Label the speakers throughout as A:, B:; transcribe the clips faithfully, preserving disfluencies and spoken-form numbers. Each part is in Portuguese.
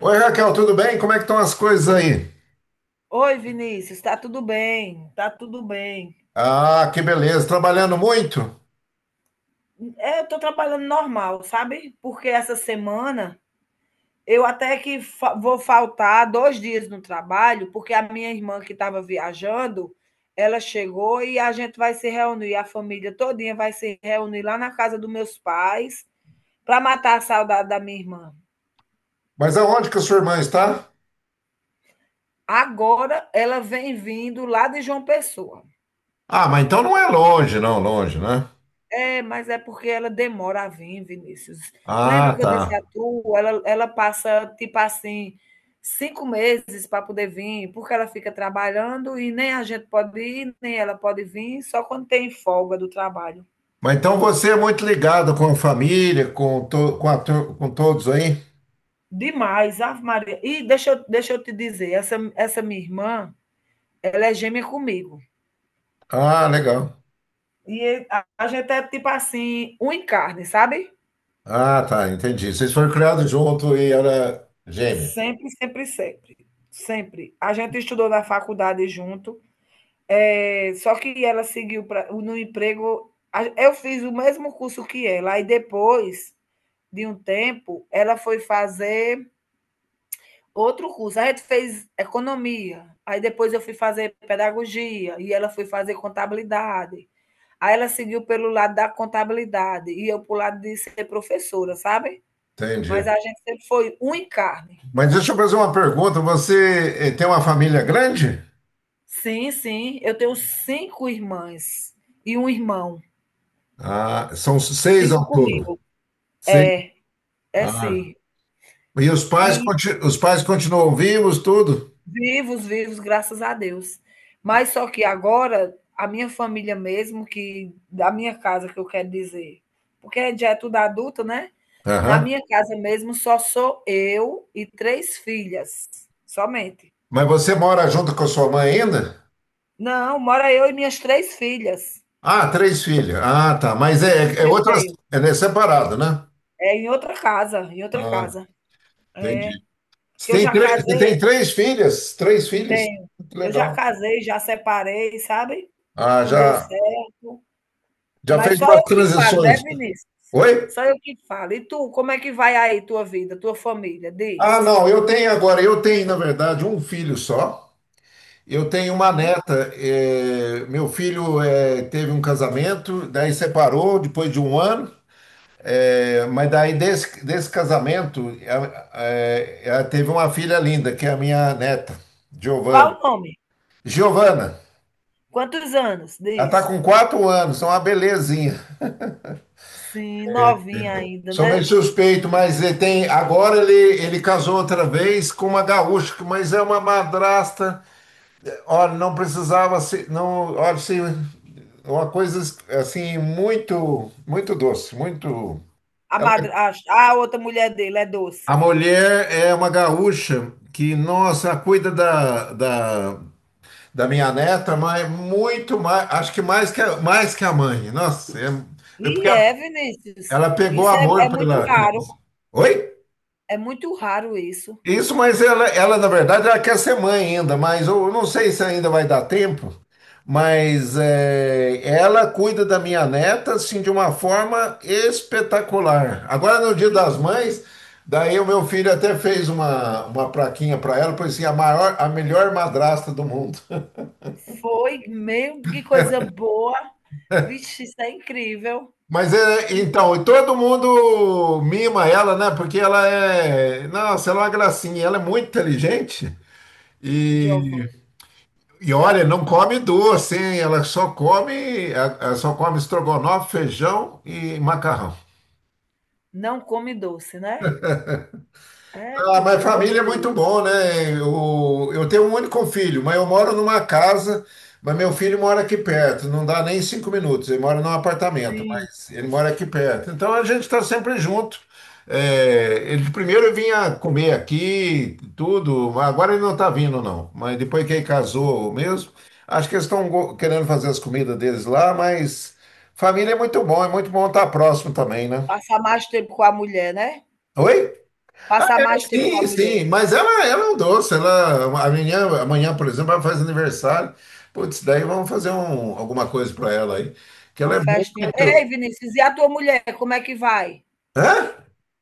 A: Oi, Raquel, tudo bem? Como é que estão as coisas aí?
B: Oi, Vinícius, tá tudo bem? Tá tudo bem.
A: Ah, que beleza, trabalhando muito?
B: É, eu tô trabalhando normal, sabe? Porque essa semana eu até que fa- vou faltar dois dias no trabalho, porque a minha irmã que estava viajando, ela chegou e a gente vai se reunir, a família todinha vai se reunir lá na casa dos meus pais para matar a saudade da minha irmã.
A: Mas aonde que a sua irmã está?
B: Agora ela vem vindo lá de João Pessoa.
A: Ah, mas então não é longe, não, longe, né?
B: É, mas é porque ela demora a vir, Vinícius. Lembra
A: Ah,
B: que eu
A: tá.
B: disse a tu, ela ela passa, tipo assim, cinco meses para poder vir, porque ela fica trabalhando e nem a gente pode ir, nem ela pode vir, só quando tem folga do trabalho.
A: Mas então você é muito ligado com a família, com, to- com, a tur- com todos aí?
B: Demais, Ave Maria. E deixa eu deixa eu te dizer, essa essa minha irmã, ela é gêmea comigo.
A: Ah, legal.
B: E a a gente é tipo assim, um em carne, sabe?
A: Ah, tá, entendi. Vocês foram criados junto e era gêmea.
B: Sempre, sempre, sempre. Sempre. A gente estudou na faculdade junto. É, só que ela seguiu pra, no emprego. Eu fiz o mesmo curso que ela, e depois de um tempo, ela foi fazer outro curso. A gente fez economia, aí depois eu fui fazer pedagogia, e ela foi fazer contabilidade. Aí ela seguiu pelo lado da contabilidade, e eu para lado de ser professora, sabe? Mas
A: Entendi.
B: a gente sempre foi um em carne.
A: Mas deixa eu fazer uma pergunta. Você eh, tem uma família grande?
B: Sim, sim, eu tenho cinco irmãs e um irmão,
A: Ah, são seis ao
B: cinco
A: todo.
B: comigo.
A: Seis.
B: É. É
A: Ah.
B: sim.
A: E os pais,
B: E
A: conti- os pais continuam vivos, tudo?
B: vivos, vivos, graças a Deus. Mas só que agora, a minha família mesmo, que da minha casa que eu quero dizer, porque já é tudo adulto, né? Na
A: Aham.
B: minha casa mesmo só sou eu e três filhas, somente.
A: Mas você mora junto com a sua mãe ainda?
B: Não, mora eu e minhas três filhas
A: Ah, três filhos. Ah, tá. Mas é, é
B: que eu
A: outras.
B: tenho.
A: É né, separado, né?
B: É em outra casa, em outra
A: Ah,
B: casa.
A: entendi.
B: Que
A: Você
B: eu
A: tem,
B: já
A: três- você
B: casei
A: tem três filhas? Três filhos?
B: tenho.
A: Muito
B: Eu já
A: legal.
B: casei, já separei, sabe?
A: Ah,
B: Não deu
A: já,
B: certo.
A: já
B: Mas
A: fez
B: só
A: umas
B: eu que falo, né,
A: transições.
B: Vinícius?
A: Oi?
B: Só eu que falo. E tu, como é que vai aí tua vida, tua família?
A: Ah,
B: Diz.
A: não, eu tenho agora, eu tenho, na verdade, um filho só. Eu tenho uma
B: Sim.
A: neta. Eh, meu filho eh, teve um casamento, daí separou depois de um ano. É, mas daí desse, desse casamento, ela, é, ela teve uma filha linda, que é a minha neta,
B: Qual
A: Giovana.
B: o nome?
A: Giovana,
B: Quantos anos?
A: ela
B: Diz.
A: tá com quatro anos, é uma belezinha.
B: Sim, novinha ainda,
A: Sou meio
B: né?
A: suspeito, mas ele tem. Agora ele, ele casou outra vez com uma gaúcha, mas é uma madrasta. Olha, não precisava se. Não, olha, se, uma coisa assim, muito, muito doce, muito.
B: A,
A: Ela
B: madr... a, a outra mulher dele é doce.
A: A mulher é uma gaúcha que, nossa, cuida da, da, da minha neta, mas muito mais, acho que mais que a, mais que a mãe. Nossa, é, é porque
B: E é, Vinícius.
A: ela pegou
B: Isso é,
A: amor
B: é muito
A: pela
B: raro.
A: criança. Oi?
B: É muito raro isso.
A: Isso, mas ela, ela, na verdade, ela quer ser mãe ainda, mas eu não sei se ainda vai dar tempo, mas é, ela cuida da minha neta, assim, de uma forma espetacular. Agora, no Dia
B: E
A: das Mães, daí o meu filho até fez uma, uma plaquinha para ela, pois assim, a maior, a melhor madrasta do mundo.
B: foi, meu, que coisa boa. Vixe, isso é incrível.
A: Mas é, então, e todo mundo mima ela, né? Porque ela é, nossa, ela é uma gracinha, ela é muito inteligente e
B: Giovanni,
A: E olha, não come doce, hein? Ela só come, ela só come estrogonofe, feijão e macarrão.
B: não come doce, né? É, eu,
A: Ah, mas
B: eu
A: família é
B: gostei.
A: muito bom, né? Eu, eu tenho um único filho, mas eu moro numa casa, mas meu filho mora aqui perto, não dá nem cinco minutos. Ele mora num apartamento,
B: Sim.
A: mas ele mora aqui perto. Então a gente está sempre junto. É, ele primeiro vinha comer aqui, tudo, agora ele não está vindo, não. Mas depois que ele casou mesmo, acho que eles estão querendo fazer as comidas deles lá, mas família é muito bom, é muito bom estar próximo também, né?
B: Passar mais tempo com a mulher, né?
A: Oi? Ah,
B: Passar
A: é,
B: mais tempo com a
A: sim,
B: mulher.
A: sim, mas ela, ela é um doce, ela, amanhã, amanhã, por exemplo, ela faz aniversário, putz, daí vamos fazer um, alguma coisa para ela aí, que ela
B: Uma
A: é
B: festinha. Ei,
A: muito,
B: Vinícius, e a tua mulher, como é que vai?
A: hã?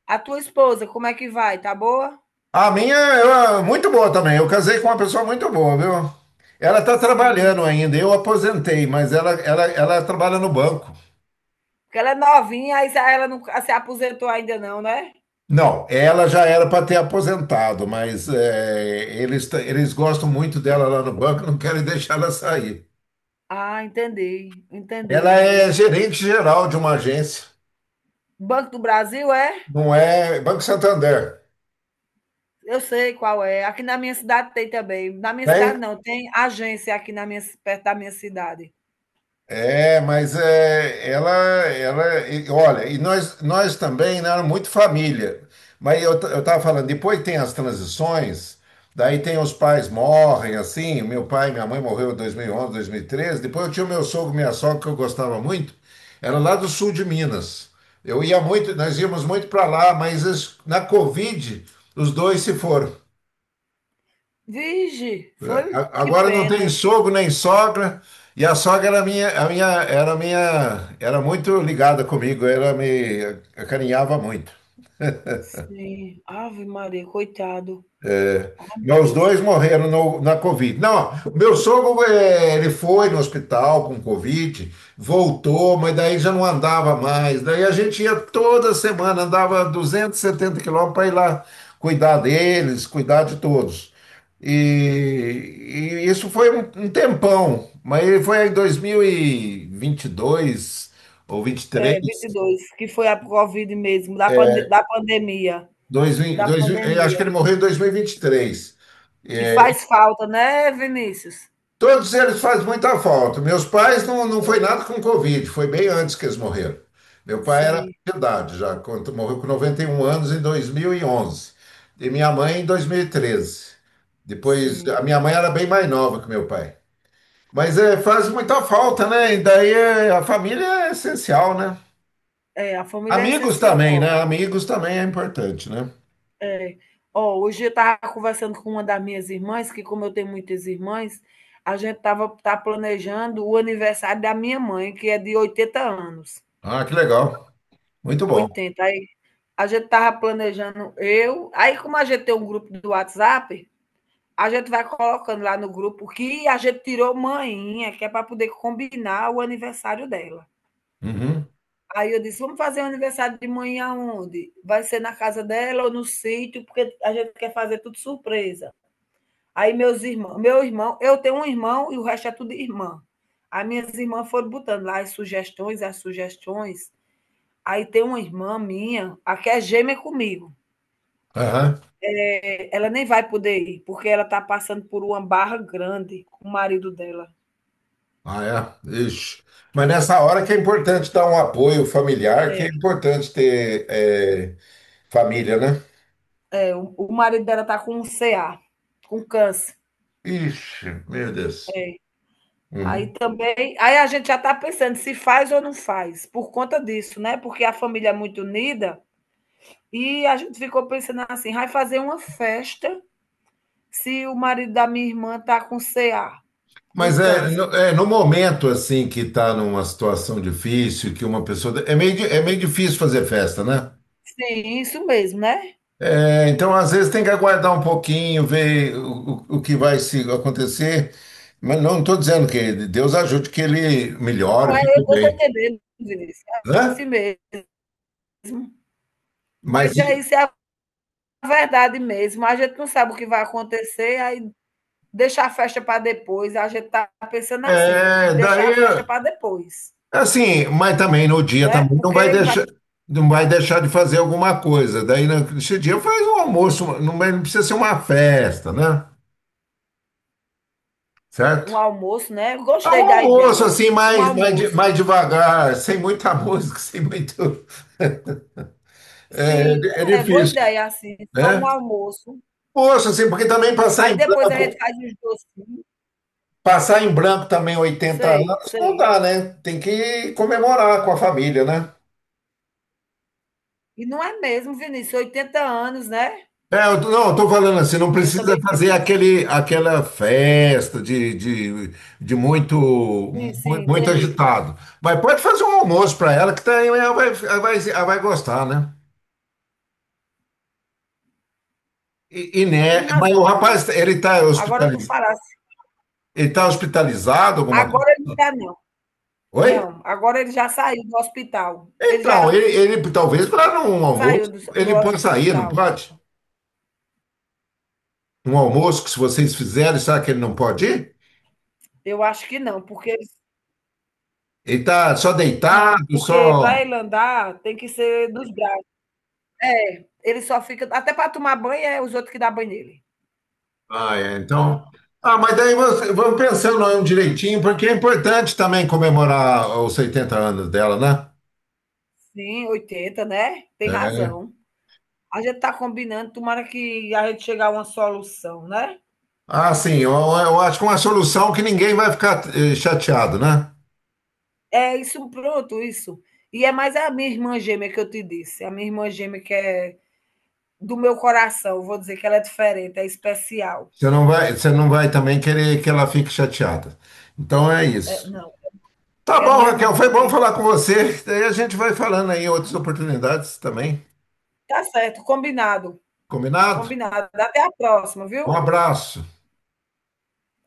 B: A tua esposa, como é que vai? Tá boa?
A: A minha, ela é muito boa também, eu casei com uma pessoa muito boa, viu? Ela está
B: Sim.
A: trabalhando ainda, eu aposentei, mas ela, ela, ela trabalha no banco.
B: Porque ela é novinha, aí ela não se aposentou ainda não, né?
A: Não, ela já era para ter aposentado, mas é, eles, t- eles gostam muito dela lá no banco, não querem deixar ela sair.
B: Ah, entendi.
A: Ela
B: Entendi
A: é
B: mesmo.
A: gerente geral de uma agência.
B: Banco do Brasil é?
A: Não é Banco Santander,
B: Eu sei qual é. Aqui na minha cidade tem também. Na minha
A: tem?
B: cidade não, tem agência aqui na minha, perto da minha cidade.
A: É, mas é, ela, ela, e- olha, e nós, nós também não éramos muito família. Mas eu estava falando, depois tem as transições, daí tem os pais morrem, assim, meu pai e minha mãe morreu em dois mil e onze, dois mil e treze, depois eu tinha o meu sogro e minha sogra, que eu gostava muito, era lá do sul de Minas. Eu ia muito, nós íamos muito para lá, mas es- na Covid, os dois se foram.
B: Vige, foi?
A: A-
B: Que
A: Agora não tem
B: pena.
A: sogro nem sogra, e a sogra era minha, a minha, era minha, era muito ligada comigo, ela me acarinhava muito.
B: Sim. Ave Maria, coitado. Oh, meu
A: Meus
B: Deus.
A: dois morreram no- na Covid. Não, meu sogro, eh, ele foi no hospital com Covid, voltou, mas daí já não andava mais. Daí a gente ia toda semana, andava duzentos e setenta quilômetros para ir lá cuidar deles, cuidar de todos. E, e isso foi um, um tempão, mas foi em dois mil e vinte e dois ou
B: É,
A: vinte e três,
B: vinte e dois, que foi a Covid mesmo, da, pande da pandemia.
A: dois, mil-
B: Da
A: dois, mil- eh, acho que
B: pandemia.
A: ele morreu em dois mil e vinte e três.
B: E faz falta, né, Vinícius?
A: Todos eles fazem muita falta. Meus pais não, não foi nada com Covid, foi bem antes que eles morreram. Meu pai era
B: Sim,
A: de idade já, quando morreu com noventa e um anos em dois mil E onze e minha mãe em dois mil e treze. Depois,
B: sim.
A: a minha mãe era bem mais nova que meu pai. Mas é, faz muita falta, né? E daí é, a família é essencial, né?
B: É, a família é
A: Amigos também,
B: essencial.
A: né? Amigos também é importante, né?
B: É. Ó, hoje eu estava conversando com uma das minhas irmãs, que como eu tenho muitas irmãs, a gente estava tá planejando o aniversário da minha mãe, que é de oitenta anos.
A: Ah, que legal. Muito bom.
B: Oitenta. Aí a gente estava planejando eu. Aí, como a gente tem um grupo do WhatsApp, a gente vai colocando lá no grupo que a gente tirou manhinha, que é para poder combinar o aniversário dela.
A: Uhum.
B: Aí eu disse, vamos fazer o aniversário de manhã aonde? Vai ser na casa dela ou no sítio, porque a gente quer fazer tudo surpresa. Aí meus irmãos, meu irmão, eu tenho um irmão e o resto é tudo irmã. As minhas irmãs foram botando lá as sugestões, as sugestões. Aí tem uma irmã minha, a que é gêmea comigo.
A: Aham.
B: É, ela nem vai poder ir, porque ela está passando por uma barra grande com o marido dela.
A: Ah, é? Ixi. Mas nessa hora que é importante dar um apoio familiar, que é importante ter é, família, né?
B: O marido dela tá com um C A, com câncer.
A: Ixi, meu Deus.
B: Aí
A: Uhum.
B: também, aí a gente já está pensando se faz ou não faz, por conta disso, né? Porque a família é muito unida e a gente ficou pensando assim, vai fazer uma festa se o marido da minha irmã tá com C A, com
A: Mas é no,
B: câncer.
A: é no momento assim que tá numa situação difícil, que uma pessoa. É meio, di- é meio difícil fazer festa, né?
B: Sim, isso mesmo, né?
A: É, então, às vezes, tem que aguardar um pouquinho, ver o, o, o que vai se acontecer. Mas não estou dizendo que Deus ajude que ele
B: Não
A: melhore,
B: é, eu
A: fique
B: estou
A: bem,
B: entendendo, Vinícius, é
A: né?
B: assim mesmo.
A: Mas
B: Mas é isso, é a verdade mesmo. A gente não sabe o que vai acontecer, aí deixar a festa para depois, a gente está pensando assim,
A: é,
B: deixar
A: daí.
B: a festa para depois,
A: Assim, mas também no dia
B: né?
A: também não vai
B: Porque vai
A: deixar, não vai deixar de fazer alguma coisa. Daí nesse dia faz um almoço, não vai- não precisa ser uma festa, né?
B: um
A: Certo?
B: almoço, né?
A: É um
B: Gostei da
A: almoço
B: ideia.
A: assim,
B: Um
A: mais, mais, de-
B: almoço.
A: mais devagar, sem muita música, sem muito.
B: Sim,
A: É, é
B: é boa
A: difícil,
B: ideia, assim, só um
A: né?
B: almoço.
A: Poxa, assim, porque também passar
B: Aí
A: em
B: depois a gente
A: branco,
B: faz os docinhos.
A: passar em branco também oitenta
B: Sei,
A: anos não
B: sei.
A: dá, né? Tem que comemorar com a família, né?
B: E não é mesmo, Vinícius, oitenta anos, né?
A: É, eu tô- não, eu tô falando assim, não
B: Eu
A: precisa
B: também penso
A: fazer aquele, aquela festa de, de, de muito,
B: assim, sim,
A: mu- muito
B: entendi.
A: agitado. Mas pode fazer um almoço para ela, que daí ela vai, ela vai, ela vai gostar, né? E, e
B: Tem
A: né, mas o
B: razão,
A: rapaz,
B: Vinícius.
A: ele tá
B: Agora tu
A: hospitalizado,
B: falasse.
A: ele tá hospitalizado, alguma coisa?
B: Agora ele não tá, não.
A: Oi?
B: Não, agora ele já saiu do hospital. Ele já
A: Então, ele, ele talvez para um
B: saiu
A: almoço,
B: do do
A: ele pode sair, não
B: hospital.
A: pode? Um almoço que se vocês fizerem, sabe que ele não pode ir?
B: Eu acho que não, porque eles
A: Ele tá só
B: não,
A: deitado,
B: porque
A: só.
B: para ele andar tem que ser dos braços. Ele só fica até para tomar banho é os outros que dá banho nele.
A: Ah, é. Então. Ah, mas daí você- vamos pensando aí um direitinho, porque é importante também comemorar os setenta anos dela, né?
B: Sim, oitenta né, tem
A: É.
B: razão. A gente tá combinando, tomara que a gente chegar a uma solução, né.
A: Ah, sim, eu, eu acho que é uma solução que ninguém vai ficar eh, chateado, né?
B: É isso, pronto, isso. E é mais a minha irmã gêmea que eu te disse, a minha irmã gêmea que é do meu coração, vou dizer que ela é diferente, é especial.
A: Você não vai, você não vai também querer que ela fique chateada. Então é
B: É,
A: isso.
B: não,
A: Tá
B: quero
A: bom,
B: mesmo
A: Raquel, foi
B: não,
A: bom
B: tem
A: falar com você. Daí a gente vai falando aí em outras oportunidades também.
B: tá certo, combinado.
A: Combinado?
B: Combinado. Até a próxima,
A: Um
B: viu?
A: abraço.